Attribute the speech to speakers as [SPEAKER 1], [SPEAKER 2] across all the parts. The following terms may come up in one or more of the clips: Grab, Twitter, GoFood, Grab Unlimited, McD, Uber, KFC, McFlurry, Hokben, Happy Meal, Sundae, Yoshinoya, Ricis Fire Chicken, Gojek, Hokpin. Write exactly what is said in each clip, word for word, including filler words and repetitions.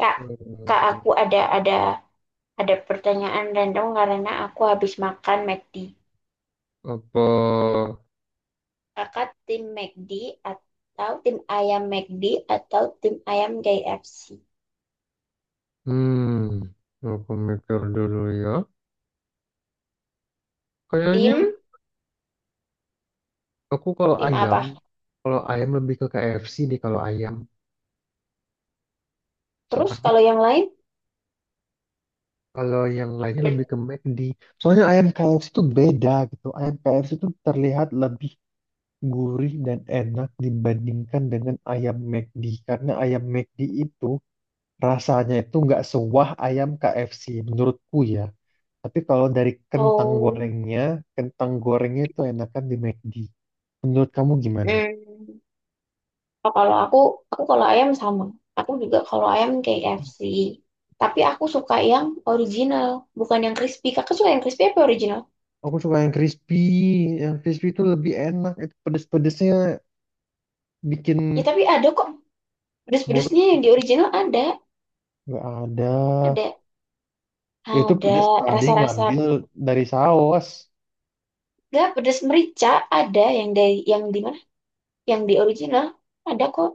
[SPEAKER 1] Kak, kak
[SPEAKER 2] Eh,
[SPEAKER 1] aku ada ada ada pertanyaan random karena aku habis makan McD.
[SPEAKER 2] apa?
[SPEAKER 1] Kakak tim McD atau tim ayam McD atau tim ayam K F C?
[SPEAKER 2] Hmm, aku mikir dulu ya. Kayaknya
[SPEAKER 1] Tim
[SPEAKER 2] aku kalau
[SPEAKER 1] tim
[SPEAKER 2] ayam,
[SPEAKER 1] apa?
[SPEAKER 2] kalau ayam lebih ke K F C deh kalau ayam.
[SPEAKER 1] Terus
[SPEAKER 2] Soalnya
[SPEAKER 1] kalau yang lain?
[SPEAKER 2] kalau yang lainnya lebih ke McD. Soalnya ayam K F C itu beda gitu. Ayam K F C itu terlihat lebih gurih dan enak dibandingkan dengan ayam McD. Karena ayam McD itu rasanya itu nggak sewah ayam K F C menurutku ya. Tapi kalau dari kentang
[SPEAKER 1] Oh,
[SPEAKER 2] gorengnya, kentang gorengnya itu enakan di McD. Menurut kamu gimana?
[SPEAKER 1] hmm. Oh, kalau aku aku kalau ayam sama. Aku juga kalau ayam K F C. Tapi aku suka yang original, bukan yang crispy. Kakak suka yang crispy apa original?
[SPEAKER 2] Aku suka yang crispy. Yang crispy itu lebih enak. Itu pedes-pedesnya bikin
[SPEAKER 1] Ya tapi ada kok
[SPEAKER 2] mulut
[SPEAKER 1] pedes-pedesnya yang di original ada,
[SPEAKER 2] nggak ada.
[SPEAKER 1] ada.
[SPEAKER 2] Itu
[SPEAKER 1] Ada
[SPEAKER 2] pedes tadi
[SPEAKER 1] rasa-rasa
[SPEAKER 2] ngambil dari saus.
[SPEAKER 1] nggak pedas merica ada yang dari yang di mana? Yang di original ada kok.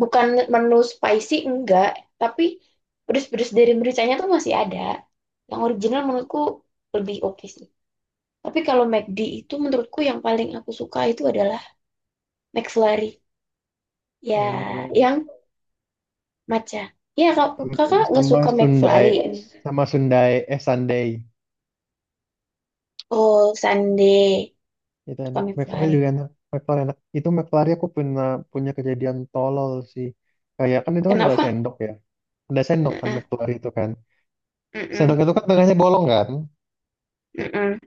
[SPEAKER 1] Bukan menu spicy enggak, tapi pedas-pedas dari mericanya tuh masih ada. Yang original menurutku lebih oke sih. Tapi kalau McD itu menurutku yang paling aku suka itu adalah McFlurry.
[SPEAKER 2] Oh iya
[SPEAKER 1] Ya,
[SPEAKER 2] lagi.
[SPEAKER 1] yang matcha. Ya, kak,
[SPEAKER 2] Sam-
[SPEAKER 1] kakak nggak
[SPEAKER 2] Sama
[SPEAKER 1] suka
[SPEAKER 2] Sundai.
[SPEAKER 1] McFlurry, kan?
[SPEAKER 2] Sama Sundai. Eh, Sundae.
[SPEAKER 1] Oh, Sunday
[SPEAKER 2] Itu
[SPEAKER 1] suka
[SPEAKER 2] enak. McFlurry
[SPEAKER 1] McFlurry.
[SPEAKER 2] juga enak. McFlurry enak. Itu McFlurry aku pernah punya kejadian tolol sih. Kayak kan itu kan ada
[SPEAKER 1] Kenapa?
[SPEAKER 2] sendok ya. Ada sendok kan
[SPEAKER 1] Mm-mm,
[SPEAKER 2] keluar itu kan sendok
[SPEAKER 1] mm-mm,
[SPEAKER 2] itu kan tengahnya bolong kan
[SPEAKER 1] mm-mm.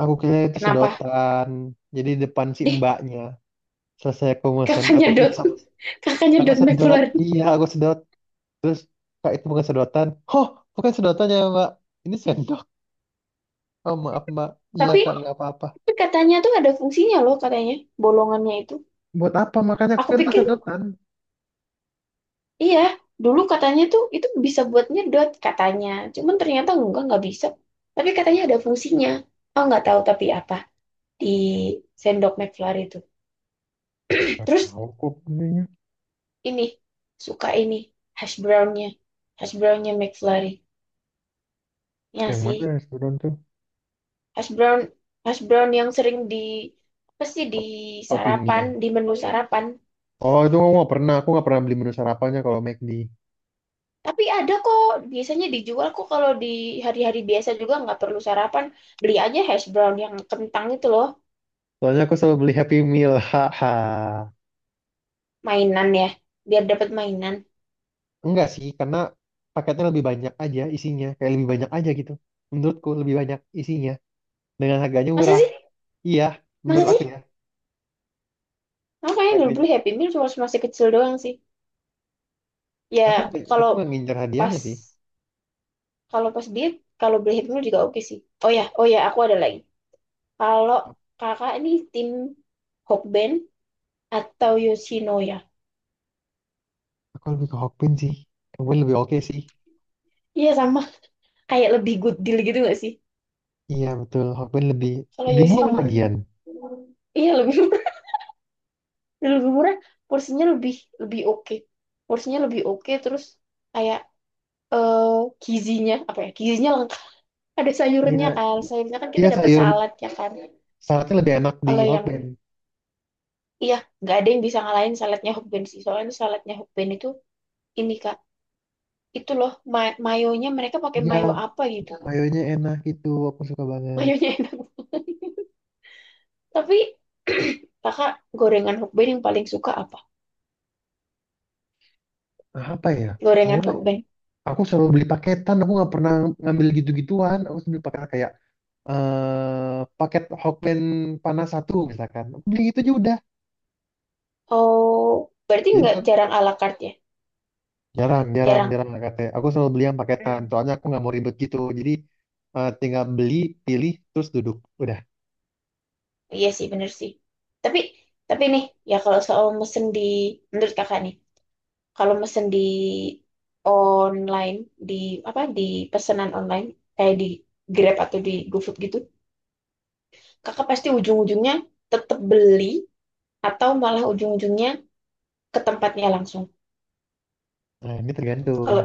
[SPEAKER 2] aku kira itu
[SPEAKER 1] Kenapa?
[SPEAKER 2] sedotan, jadi depan si
[SPEAKER 1] Deh,
[SPEAKER 2] mbaknya selesai aku pesan
[SPEAKER 1] kakaknya
[SPEAKER 2] aku
[SPEAKER 1] dot
[SPEAKER 2] isap,
[SPEAKER 1] kakaknya
[SPEAKER 2] aku
[SPEAKER 1] dot
[SPEAKER 2] sedot,
[SPEAKER 1] McFlurry.
[SPEAKER 2] iya aku sedot terus, kak itu bukan sedotan, oh bukan sedotannya mbak ini sendok, oh maaf mbak, iya
[SPEAKER 1] tapi,
[SPEAKER 2] kak nggak apa-apa.
[SPEAKER 1] tapi katanya tuh ada fungsinya loh, katanya bolongannya itu.
[SPEAKER 2] Buat apa, makanya aku
[SPEAKER 1] Aku
[SPEAKER 2] kira itu
[SPEAKER 1] pikir
[SPEAKER 2] sedotan.
[SPEAKER 1] iya, dulu katanya tuh itu bisa buat nyedot katanya, cuman ternyata enggak nggak bisa. Tapi katanya ada fungsinya. Oh nggak tahu, tapi apa di sendok McFlurry itu?
[SPEAKER 2] Nggak
[SPEAKER 1] Terus
[SPEAKER 2] tahu kok belinya.
[SPEAKER 1] ini, suka ini, hash brownnya hash brownnya McFlurry, ya
[SPEAKER 2] Yang mana
[SPEAKER 1] sih.
[SPEAKER 2] ya sedotan tuh?
[SPEAKER 1] Hash brown hash brown yang sering di apa sih, di
[SPEAKER 2] Top- Toppingnya.
[SPEAKER 1] sarapan, di menu sarapan.
[SPEAKER 2] Oh itu aku nggak pernah, aku nggak pernah beli menu sarapannya kalau McD,
[SPEAKER 1] Tapi ada kok, biasanya dijual kok kalau di hari-hari biasa juga nggak perlu sarapan. Beli aja hash brown yang kentang itu loh,
[SPEAKER 2] soalnya aku selalu beli Happy Meal haha.
[SPEAKER 1] mainan ya, biar dapat mainan.
[SPEAKER 2] Enggak sih, karena paketnya lebih banyak aja isinya. Kayak lebih banyak aja gitu. Menurutku lebih banyak isinya. Dengan harganya
[SPEAKER 1] Masa
[SPEAKER 2] murah.
[SPEAKER 1] sih?
[SPEAKER 2] Iya,
[SPEAKER 1] Masa
[SPEAKER 2] menurut aku
[SPEAKER 1] sih?
[SPEAKER 2] ya.
[SPEAKER 1] Aku kayaknya dulu
[SPEAKER 2] Harganya.
[SPEAKER 1] beli Happy Meal cuma masih kecil doang sih. Ya
[SPEAKER 2] Aku aku
[SPEAKER 1] kalau
[SPEAKER 2] nggak ngincer hadiahnya
[SPEAKER 1] pas
[SPEAKER 2] sih.
[SPEAKER 1] kalau pas diet, kalau beli Happy Meal juga oke sih. Oh ya, oh ya, aku ada lagi. Kalau kakak ini tim Hokben atau Yoshinoya?
[SPEAKER 2] Aku lebih ke Hokpin sih. Hokpin lebih oke sih.
[SPEAKER 1] Iya sama, kayak lebih good deal gitu nggak sih?
[SPEAKER 2] Iya betul, Hokpin lebih
[SPEAKER 1] Kalau
[SPEAKER 2] lebih murah
[SPEAKER 1] Yoshinoya,
[SPEAKER 2] lagian.
[SPEAKER 1] iya lebih. Dan lebih murah, porsinya lebih lebih oke, porsinya lebih oke. Terus kayak eh gizinya apa ya, gizinya lengkap, ada
[SPEAKER 2] Iya,
[SPEAKER 1] sayurnya kan, sayurnya kan kita
[SPEAKER 2] iya
[SPEAKER 1] dapat
[SPEAKER 2] sayur
[SPEAKER 1] salad ya kan.
[SPEAKER 2] saladnya lebih enak di
[SPEAKER 1] Kalau yang
[SPEAKER 2] Hokpin.
[SPEAKER 1] iya, nggak ada yang bisa ngalahin saladnya Hokben sih, soalnya saladnya Hokben itu ini kak, itu loh, ma- mayonya, mereka pakai
[SPEAKER 2] Iya,
[SPEAKER 1] mayo apa gitu.
[SPEAKER 2] mayonya enak gitu. Aku suka banget.
[SPEAKER 1] Mayonya enak. Tapi kakak, gorengan Hokben yang paling suka apa?
[SPEAKER 2] Nah, apa ya? Aku
[SPEAKER 1] Gorengan Hokben.
[SPEAKER 2] aku selalu beli paketan. Aku nggak pernah ngambil gitu-gituan. Aku selalu beli paketan kayak eh paket Hokben panas satu misalkan beli itu aja udah.
[SPEAKER 1] Oh, berarti
[SPEAKER 2] Jadi
[SPEAKER 1] nggak
[SPEAKER 2] aku
[SPEAKER 1] jarang ala carte ya.
[SPEAKER 2] jarang jarang
[SPEAKER 1] Jarang.
[SPEAKER 2] jarang lah katanya, aku selalu beli yang paketan soalnya aku nggak mau ribet gitu. Jadi eh, tinggal beli, pilih terus duduk udah.
[SPEAKER 1] Iya sih, bener sih. Tapi, tapi nih, ya kalau soal mesen di, menurut kakak nih, kalau mesen di online, di apa, di pesanan online, kayak di Grab atau di GoFood gitu, kakak pasti ujung-ujungnya tetap beli atau malah ujung-ujungnya ke tempatnya langsung.
[SPEAKER 2] Nah ini tergantung,
[SPEAKER 1] Kalau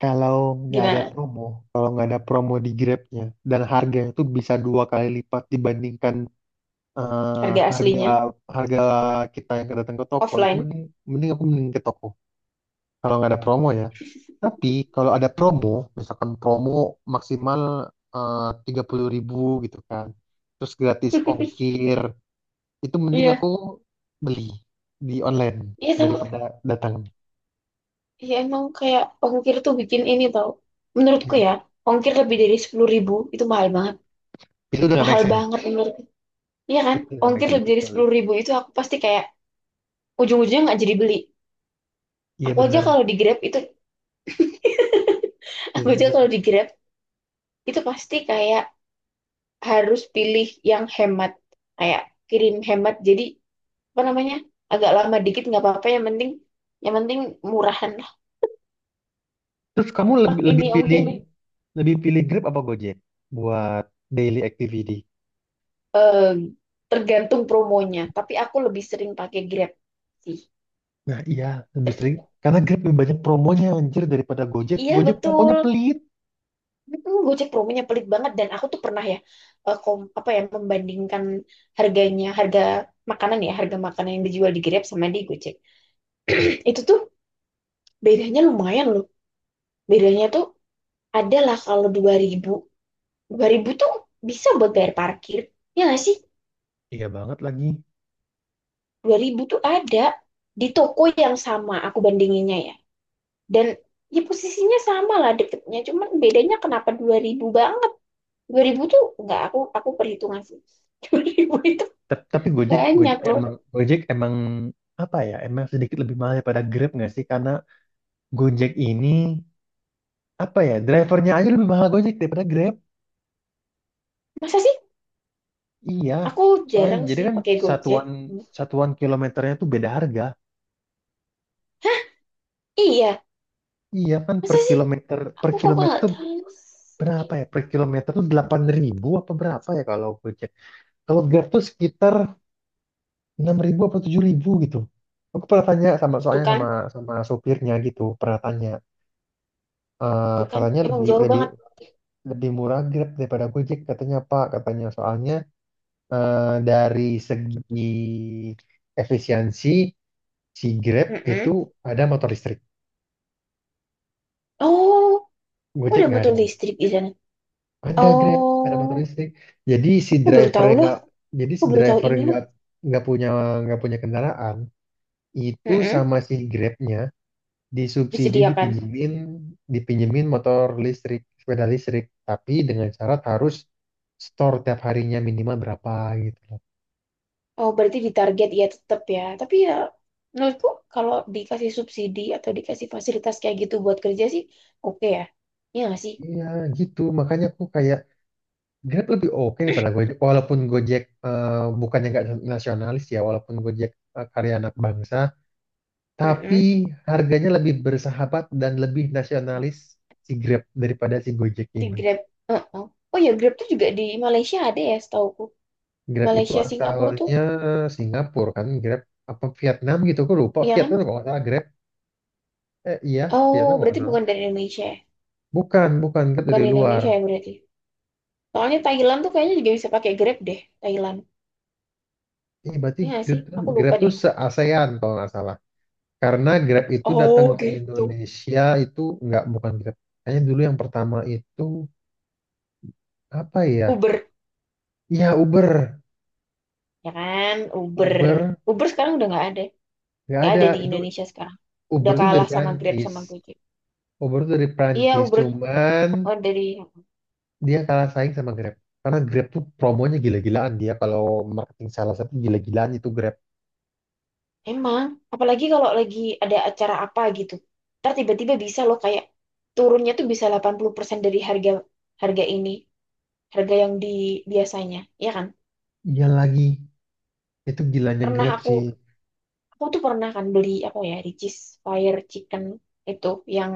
[SPEAKER 2] kalau nggak ada
[SPEAKER 1] gimana
[SPEAKER 2] promo, kalau nggak ada promo di Grabnya dan harganya itu bisa dua kali lipat dibandingkan eh,
[SPEAKER 1] harga
[SPEAKER 2] harga
[SPEAKER 1] aslinya,
[SPEAKER 2] harga kita yang datang ke toko, itu
[SPEAKER 1] offline?
[SPEAKER 2] mending mending aku mending ke toko kalau nggak ada promo ya. Tapi kalau ada promo, misalkan promo maksimal eh, tiga puluh ribu gitu kan, terus gratis ongkir, itu mending
[SPEAKER 1] Iya,
[SPEAKER 2] aku beli di online
[SPEAKER 1] iya tahu.
[SPEAKER 2] daripada datang.
[SPEAKER 1] Iya emang kayak ongkir tuh bikin ini, tau. Menurutku
[SPEAKER 2] Iya.
[SPEAKER 1] ya, ongkir lebih dari sepuluh ribu itu mahal banget.
[SPEAKER 2] Itu udah gak make
[SPEAKER 1] Mahal
[SPEAKER 2] sense.
[SPEAKER 1] banget menurut. Iya kan?
[SPEAKER 2] Itu udah gak make
[SPEAKER 1] Ongkir
[SPEAKER 2] sense.
[SPEAKER 1] lebih
[SPEAKER 2] Itu
[SPEAKER 1] dari
[SPEAKER 2] betul.
[SPEAKER 1] sepuluh ribu itu aku pasti kayak ujung-ujungnya nggak jadi beli.
[SPEAKER 2] Iya
[SPEAKER 1] Aku aja
[SPEAKER 2] benar,
[SPEAKER 1] kalau di Grab itu,
[SPEAKER 2] iya
[SPEAKER 1] aku
[SPEAKER 2] benar
[SPEAKER 1] aja
[SPEAKER 2] lagi.
[SPEAKER 1] kalau di Grab itu pasti kayak harus pilih yang hemat. Kayak kirim hemat. Jadi apa namanya? Agak lama dikit nggak apa-apa. Yang penting, yang penting murahan lah.
[SPEAKER 2] Terus kamu
[SPEAKER 1] Pak
[SPEAKER 2] lebih lebih
[SPEAKER 1] ini ongkir
[SPEAKER 2] pilih
[SPEAKER 1] nih.
[SPEAKER 2] lebih pilih Grab apa Gojek buat daily activity?
[SPEAKER 1] Eh, Tergantung promonya. Tapi aku lebih sering pakai Grab sih.
[SPEAKER 2] Nah iya lebih sering
[SPEAKER 1] Ter-
[SPEAKER 2] karena Grab lebih banyak promonya anjir daripada Gojek.
[SPEAKER 1] Iya
[SPEAKER 2] Gojek promonya
[SPEAKER 1] betul.
[SPEAKER 2] pelit.
[SPEAKER 1] Hmm, Gojek promonya pelit banget, dan aku tuh pernah ya, eh, kom, apa ya, membandingkan harganya, harga makanan ya, harga makanan yang dijual di Grab sama di Gojek, itu tuh bedanya lumayan loh. Bedanya tuh adalah, kalau dua ribu, dua ribu tuh bisa buat bayar parkir ya nggak sih.
[SPEAKER 2] Iya banget lagi.
[SPEAKER 1] dua ribu tuh ada, di toko yang sama aku bandinginnya ya, dan ya posisinya sama lah, deketnya. Cuman bedanya kenapa dua ribu banget, dua ribu tuh nggak, aku aku perhitungan sih. Dua ribu itu
[SPEAKER 2] Tap- Tapi Gojek,
[SPEAKER 1] banyak
[SPEAKER 2] Gojek
[SPEAKER 1] loh.
[SPEAKER 2] emang, Gojek emang apa ya? Emang sedikit lebih mahal daripada Grab nggak sih? Karena Gojek ini apa ya? Drivernya aja lebih mahal Gojek daripada Grab.
[SPEAKER 1] Masa sih?
[SPEAKER 2] Iya.
[SPEAKER 1] Aku
[SPEAKER 2] Soalnya
[SPEAKER 1] jarang
[SPEAKER 2] jadi
[SPEAKER 1] sih
[SPEAKER 2] kan
[SPEAKER 1] pakai Gojek.
[SPEAKER 2] satuan
[SPEAKER 1] Hmm.
[SPEAKER 2] satuan kilometernya tuh beda harga.
[SPEAKER 1] Iya,
[SPEAKER 2] Iya kan, per
[SPEAKER 1] masa sih?
[SPEAKER 2] kilometer per
[SPEAKER 1] Aku kok
[SPEAKER 2] kilometer
[SPEAKER 1] nggak
[SPEAKER 2] tuh
[SPEAKER 1] tahu sih?
[SPEAKER 2] berapa ya? Per kilometer tuh delapan ribu apa berapa ya kalau Gojek? Kalau Grab tuh sekitar enam ribu apa tujuh ribu gitu. Aku pernah tanya sama,
[SPEAKER 1] Tuh
[SPEAKER 2] soalnya
[SPEAKER 1] kan,
[SPEAKER 2] sama sama sopirnya gitu, pernah tanya, eh
[SPEAKER 1] tuh kan,
[SPEAKER 2] katanya
[SPEAKER 1] emang
[SPEAKER 2] lebih
[SPEAKER 1] jauh
[SPEAKER 2] lebih
[SPEAKER 1] banget.
[SPEAKER 2] lebih murah Grab daripada Gojek katanya Pak, katanya soalnya eh, dari segi efisiensi si Grab itu
[SPEAKER 1] Mm-mm.
[SPEAKER 2] ada motor listrik,
[SPEAKER 1] Oh,
[SPEAKER 2] Gojek
[SPEAKER 1] udah
[SPEAKER 2] nggak ada,
[SPEAKER 1] motor listrik di sana.
[SPEAKER 2] ada Grab ada motor
[SPEAKER 1] Oh,
[SPEAKER 2] listrik, jadi si
[SPEAKER 1] aku baru
[SPEAKER 2] driver
[SPEAKER 1] tahu
[SPEAKER 2] yang
[SPEAKER 1] loh.
[SPEAKER 2] nggak jadi
[SPEAKER 1] Aku
[SPEAKER 2] si
[SPEAKER 1] baru tahu
[SPEAKER 2] driver
[SPEAKER 1] ini
[SPEAKER 2] yang
[SPEAKER 1] loh.
[SPEAKER 2] nggak nggak punya nggak punya kendaraan itu
[SPEAKER 1] Mm-mm.
[SPEAKER 2] sama si Grabnya disubsidi
[SPEAKER 1] Disediakan.
[SPEAKER 2] dipinjemin, dipinjemin motor listrik, sepeda listrik, tapi dengan syarat harus store tiap harinya minimal berapa gitu.
[SPEAKER 1] Oh, berarti di target ya tetap ya. Tapi ya, menurutku kalau dikasih subsidi atau dikasih fasilitas kayak gitu buat kerja sih, oke ya. Iya nggak sih?
[SPEAKER 2] Iya gitu, makanya aku kayak Grab lebih oke daripada Gojek. Walaupun Gojek eh, bukannya nggak nasionalis ya, walaupun Gojek eh, karya anak bangsa, tapi
[SPEAKER 1] Mm-mm.
[SPEAKER 2] harganya lebih bersahabat dan lebih nasionalis si Grab daripada si Gojek
[SPEAKER 1] Di
[SPEAKER 2] ini.
[SPEAKER 1] Grab. Heeh. Oh ya, Grab tuh juga di Malaysia ada ya setauku.
[SPEAKER 2] Grab itu
[SPEAKER 1] Malaysia Singapura tuh,
[SPEAKER 2] asalnya Singapura kan, Grab apa Vietnam gitu, aku lupa.
[SPEAKER 1] iya kan?
[SPEAKER 2] Vietnam kalau nggak salah Grab, eh iya
[SPEAKER 1] Oh
[SPEAKER 2] Vietnam kalau nggak
[SPEAKER 1] berarti
[SPEAKER 2] salah.
[SPEAKER 1] bukan dari Indonesia ya?
[SPEAKER 2] Bukan, bukan Grab
[SPEAKER 1] Bukan
[SPEAKER 2] dari
[SPEAKER 1] di
[SPEAKER 2] luar.
[SPEAKER 1] Indonesia ya berarti. Soalnya Thailand tuh kayaknya juga bisa pakai Grab deh, Thailand.
[SPEAKER 2] Eh, berarti
[SPEAKER 1] Iya nggak sih?
[SPEAKER 2] Grab,
[SPEAKER 1] Aku
[SPEAKER 2] Grab
[SPEAKER 1] lupa
[SPEAKER 2] tuh
[SPEAKER 1] deh.
[SPEAKER 2] se-ASEAN kalau nggak salah. Karena Grab itu datang
[SPEAKER 1] Oh
[SPEAKER 2] ke
[SPEAKER 1] gitu.
[SPEAKER 2] Indonesia itu nggak, bukan Grab. Kayaknya dulu yang pertama itu apa ya?
[SPEAKER 1] Uber,
[SPEAKER 2] Ya Uber,
[SPEAKER 1] ya kan? Uber.
[SPEAKER 2] Uber
[SPEAKER 1] Uber sekarang udah nggak ada.
[SPEAKER 2] nggak
[SPEAKER 1] Nggak
[SPEAKER 2] ada
[SPEAKER 1] ada di
[SPEAKER 2] itu.
[SPEAKER 1] Indonesia sekarang. Udah
[SPEAKER 2] Uber tuh dari
[SPEAKER 1] kalah sama Grab
[SPEAKER 2] Prancis.
[SPEAKER 1] sama Gojek.
[SPEAKER 2] Uber tuh dari
[SPEAKER 1] Iya
[SPEAKER 2] Prancis,
[SPEAKER 1] Uber,
[SPEAKER 2] cuman
[SPEAKER 1] oh, dari.
[SPEAKER 2] dia kalah saing sama Grab. Karena Grab tuh promonya gila-gilaan dia kalau marketing, salah satu gila-gilaan itu Grab.
[SPEAKER 1] Emang, apalagi kalau lagi ada acara apa gitu. Ntar tiba-tiba bisa loh kayak turunnya tuh bisa delapan puluh persen dari harga harga ini, harga yang di biasanya, ya kan?
[SPEAKER 2] Iya lagi, itu gilanya
[SPEAKER 1] Pernah
[SPEAKER 2] Grab
[SPEAKER 1] aku
[SPEAKER 2] sih.
[SPEAKER 1] aku tuh pernah kan beli apa ya, Ricis Fire Chicken itu, yang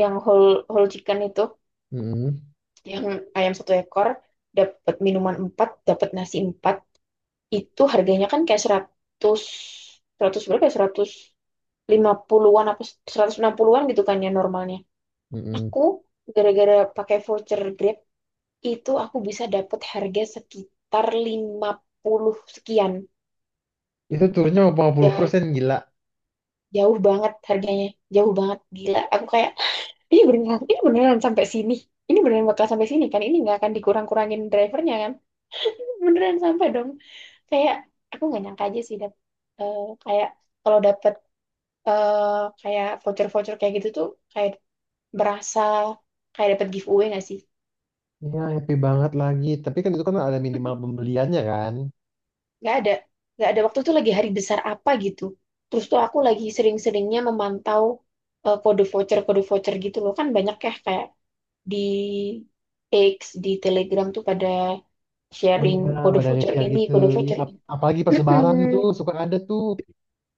[SPEAKER 1] yang whole whole chicken itu,
[SPEAKER 2] Mm-mm,
[SPEAKER 1] yang ayam satu ekor, dapat minuman empat, dapat nasi empat, itu harganya kan kayak seratus seratus berapa ya? seratus lima puluh-an apa seratus enam puluh-an gitu kan ya normalnya.
[SPEAKER 2] mm-mm.
[SPEAKER 1] Aku gara-gara pakai voucher Grab itu aku bisa dapat harga sekitar lima puluh sekian.
[SPEAKER 2] Itu turunnya lima puluh
[SPEAKER 1] Jauh,
[SPEAKER 2] persen gila.
[SPEAKER 1] jauh banget harganya, jauh banget gila. Aku kayak ini beneran, ini beneran sampai sini. Ini beneran bakal sampai sini kan? Ini nggak akan dikurang-kurangin drivernya kan? Beneran sampai dong. Kayak aku nggak nyangka aja sih, dap, eh, kayak kalau dapet eh, kayak voucher-voucher kayak gitu tuh kayak berasa kayak dapet giveaway nggak sih?
[SPEAKER 2] Ya, happy banget lagi. Tapi kan itu kan ada minimal pembeliannya kan.
[SPEAKER 1] Nggak ada, nggak ada waktu itu lagi hari besar apa gitu, terus tuh aku lagi sering-seringnya memantau eh, kode voucher, kode voucher gitu loh, kan banyak ya kayak di X, di Telegram tuh pada
[SPEAKER 2] Oh
[SPEAKER 1] sharing
[SPEAKER 2] iya,
[SPEAKER 1] kode
[SPEAKER 2] badan
[SPEAKER 1] voucher
[SPEAKER 2] kecil
[SPEAKER 1] ini,
[SPEAKER 2] gitu.
[SPEAKER 1] kode
[SPEAKER 2] Iya,
[SPEAKER 1] voucher
[SPEAKER 2] ap-
[SPEAKER 1] ini.
[SPEAKER 2] apalagi pas lebaran tuh suka ada tuh.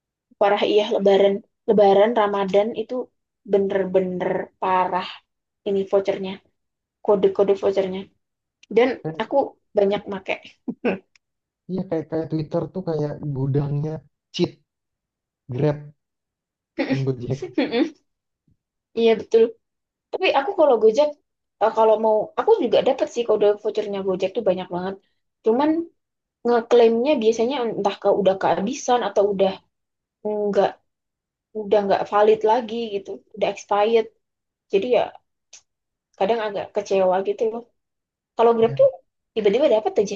[SPEAKER 1] Parah, iya Lebaran Lebaran Ramadan itu bener-bener parah ini vouchernya, kode-kode vouchernya, dan aku
[SPEAKER 2] Kayak,
[SPEAKER 1] banyak make.
[SPEAKER 2] iya kayak kayak Twitter tuh kayak gudangnya cheat Grab dan Gojek.
[SPEAKER 1] Iya betul. Tapi aku kalau Gojek, eh, kalau mau, aku juga dapat sih, kode vouchernya Gojek tuh banyak banget. Cuman ngeklaimnya biasanya entah ke udah kehabisan atau udah nggak udah nggak valid lagi gitu, udah expired. Jadi ya kadang agak kecewa gitu loh. Kalau Grab tuh
[SPEAKER 2] Ya,
[SPEAKER 1] tiba-tiba dapat aja,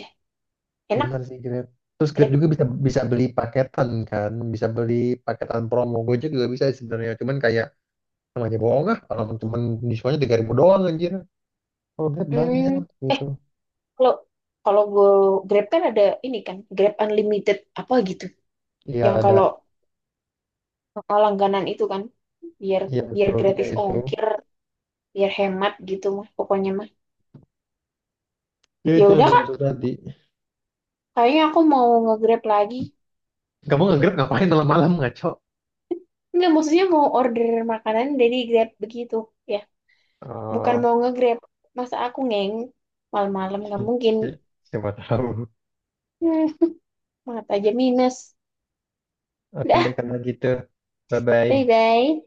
[SPEAKER 1] enak.
[SPEAKER 2] benar sih Grab. Terus Grab
[SPEAKER 1] Grab.
[SPEAKER 2] juga bisa bisa beli paketan kan, bisa beli paketan promo. Gojek juga bisa sebenarnya. Cuman kayak namanya bohong ah, kalau cuman diskonnya tiga ribu doang anjir. Kalau Grab
[SPEAKER 1] Hmm,
[SPEAKER 2] banyak
[SPEAKER 1] eh
[SPEAKER 2] gitu.
[SPEAKER 1] kalau kalau gue, Grab kan ada ini kan, Grab Unlimited apa gitu,
[SPEAKER 2] Iya
[SPEAKER 1] yang
[SPEAKER 2] ada.
[SPEAKER 1] kalau langganan itu kan biar
[SPEAKER 2] Iya
[SPEAKER 1] biar
[SPEAKER 2] betul. Iya
[SPEAKER 1] gratis
[SPEAKER 2] itu.
[SPEAKER 1] ongkir, biar hemat gitu mah pokoknya mah.
[SPEAKER 2] Ya
[SPEAKER 1] Ya
[SPEAKER 2] itu yang
[SPEAKER 1] udah
[SPEAKER 2] gue
[SPEAKER 1] kak,
[SPEAKER 2] maksud tadi.
[SPEAKER 1] kayaknya aku mau nge-grab lagi.
[SPEAKER 2] Kamu nge-Grab ngapain malam-malam ngaco?
[SPEAKER 1] Nggak, maksudnya mau order makanan dari grab begitu ya, bukan
[SPEAKER 2] Oh,
[SPEAKER 1] mau nge-grab. Masa aku ngeng malam-malam, nggak mungkin.
[SPEAKER 2] siapa tahu.
[SPEAKER 1] Hmm, mata aja minus.
[SPEAKER 2] Oke deh
[SPEAKER 1] Udah,
[SPEAKER 2] karena gitu. Bye-bye.
[SPEAKER 1] bye bye.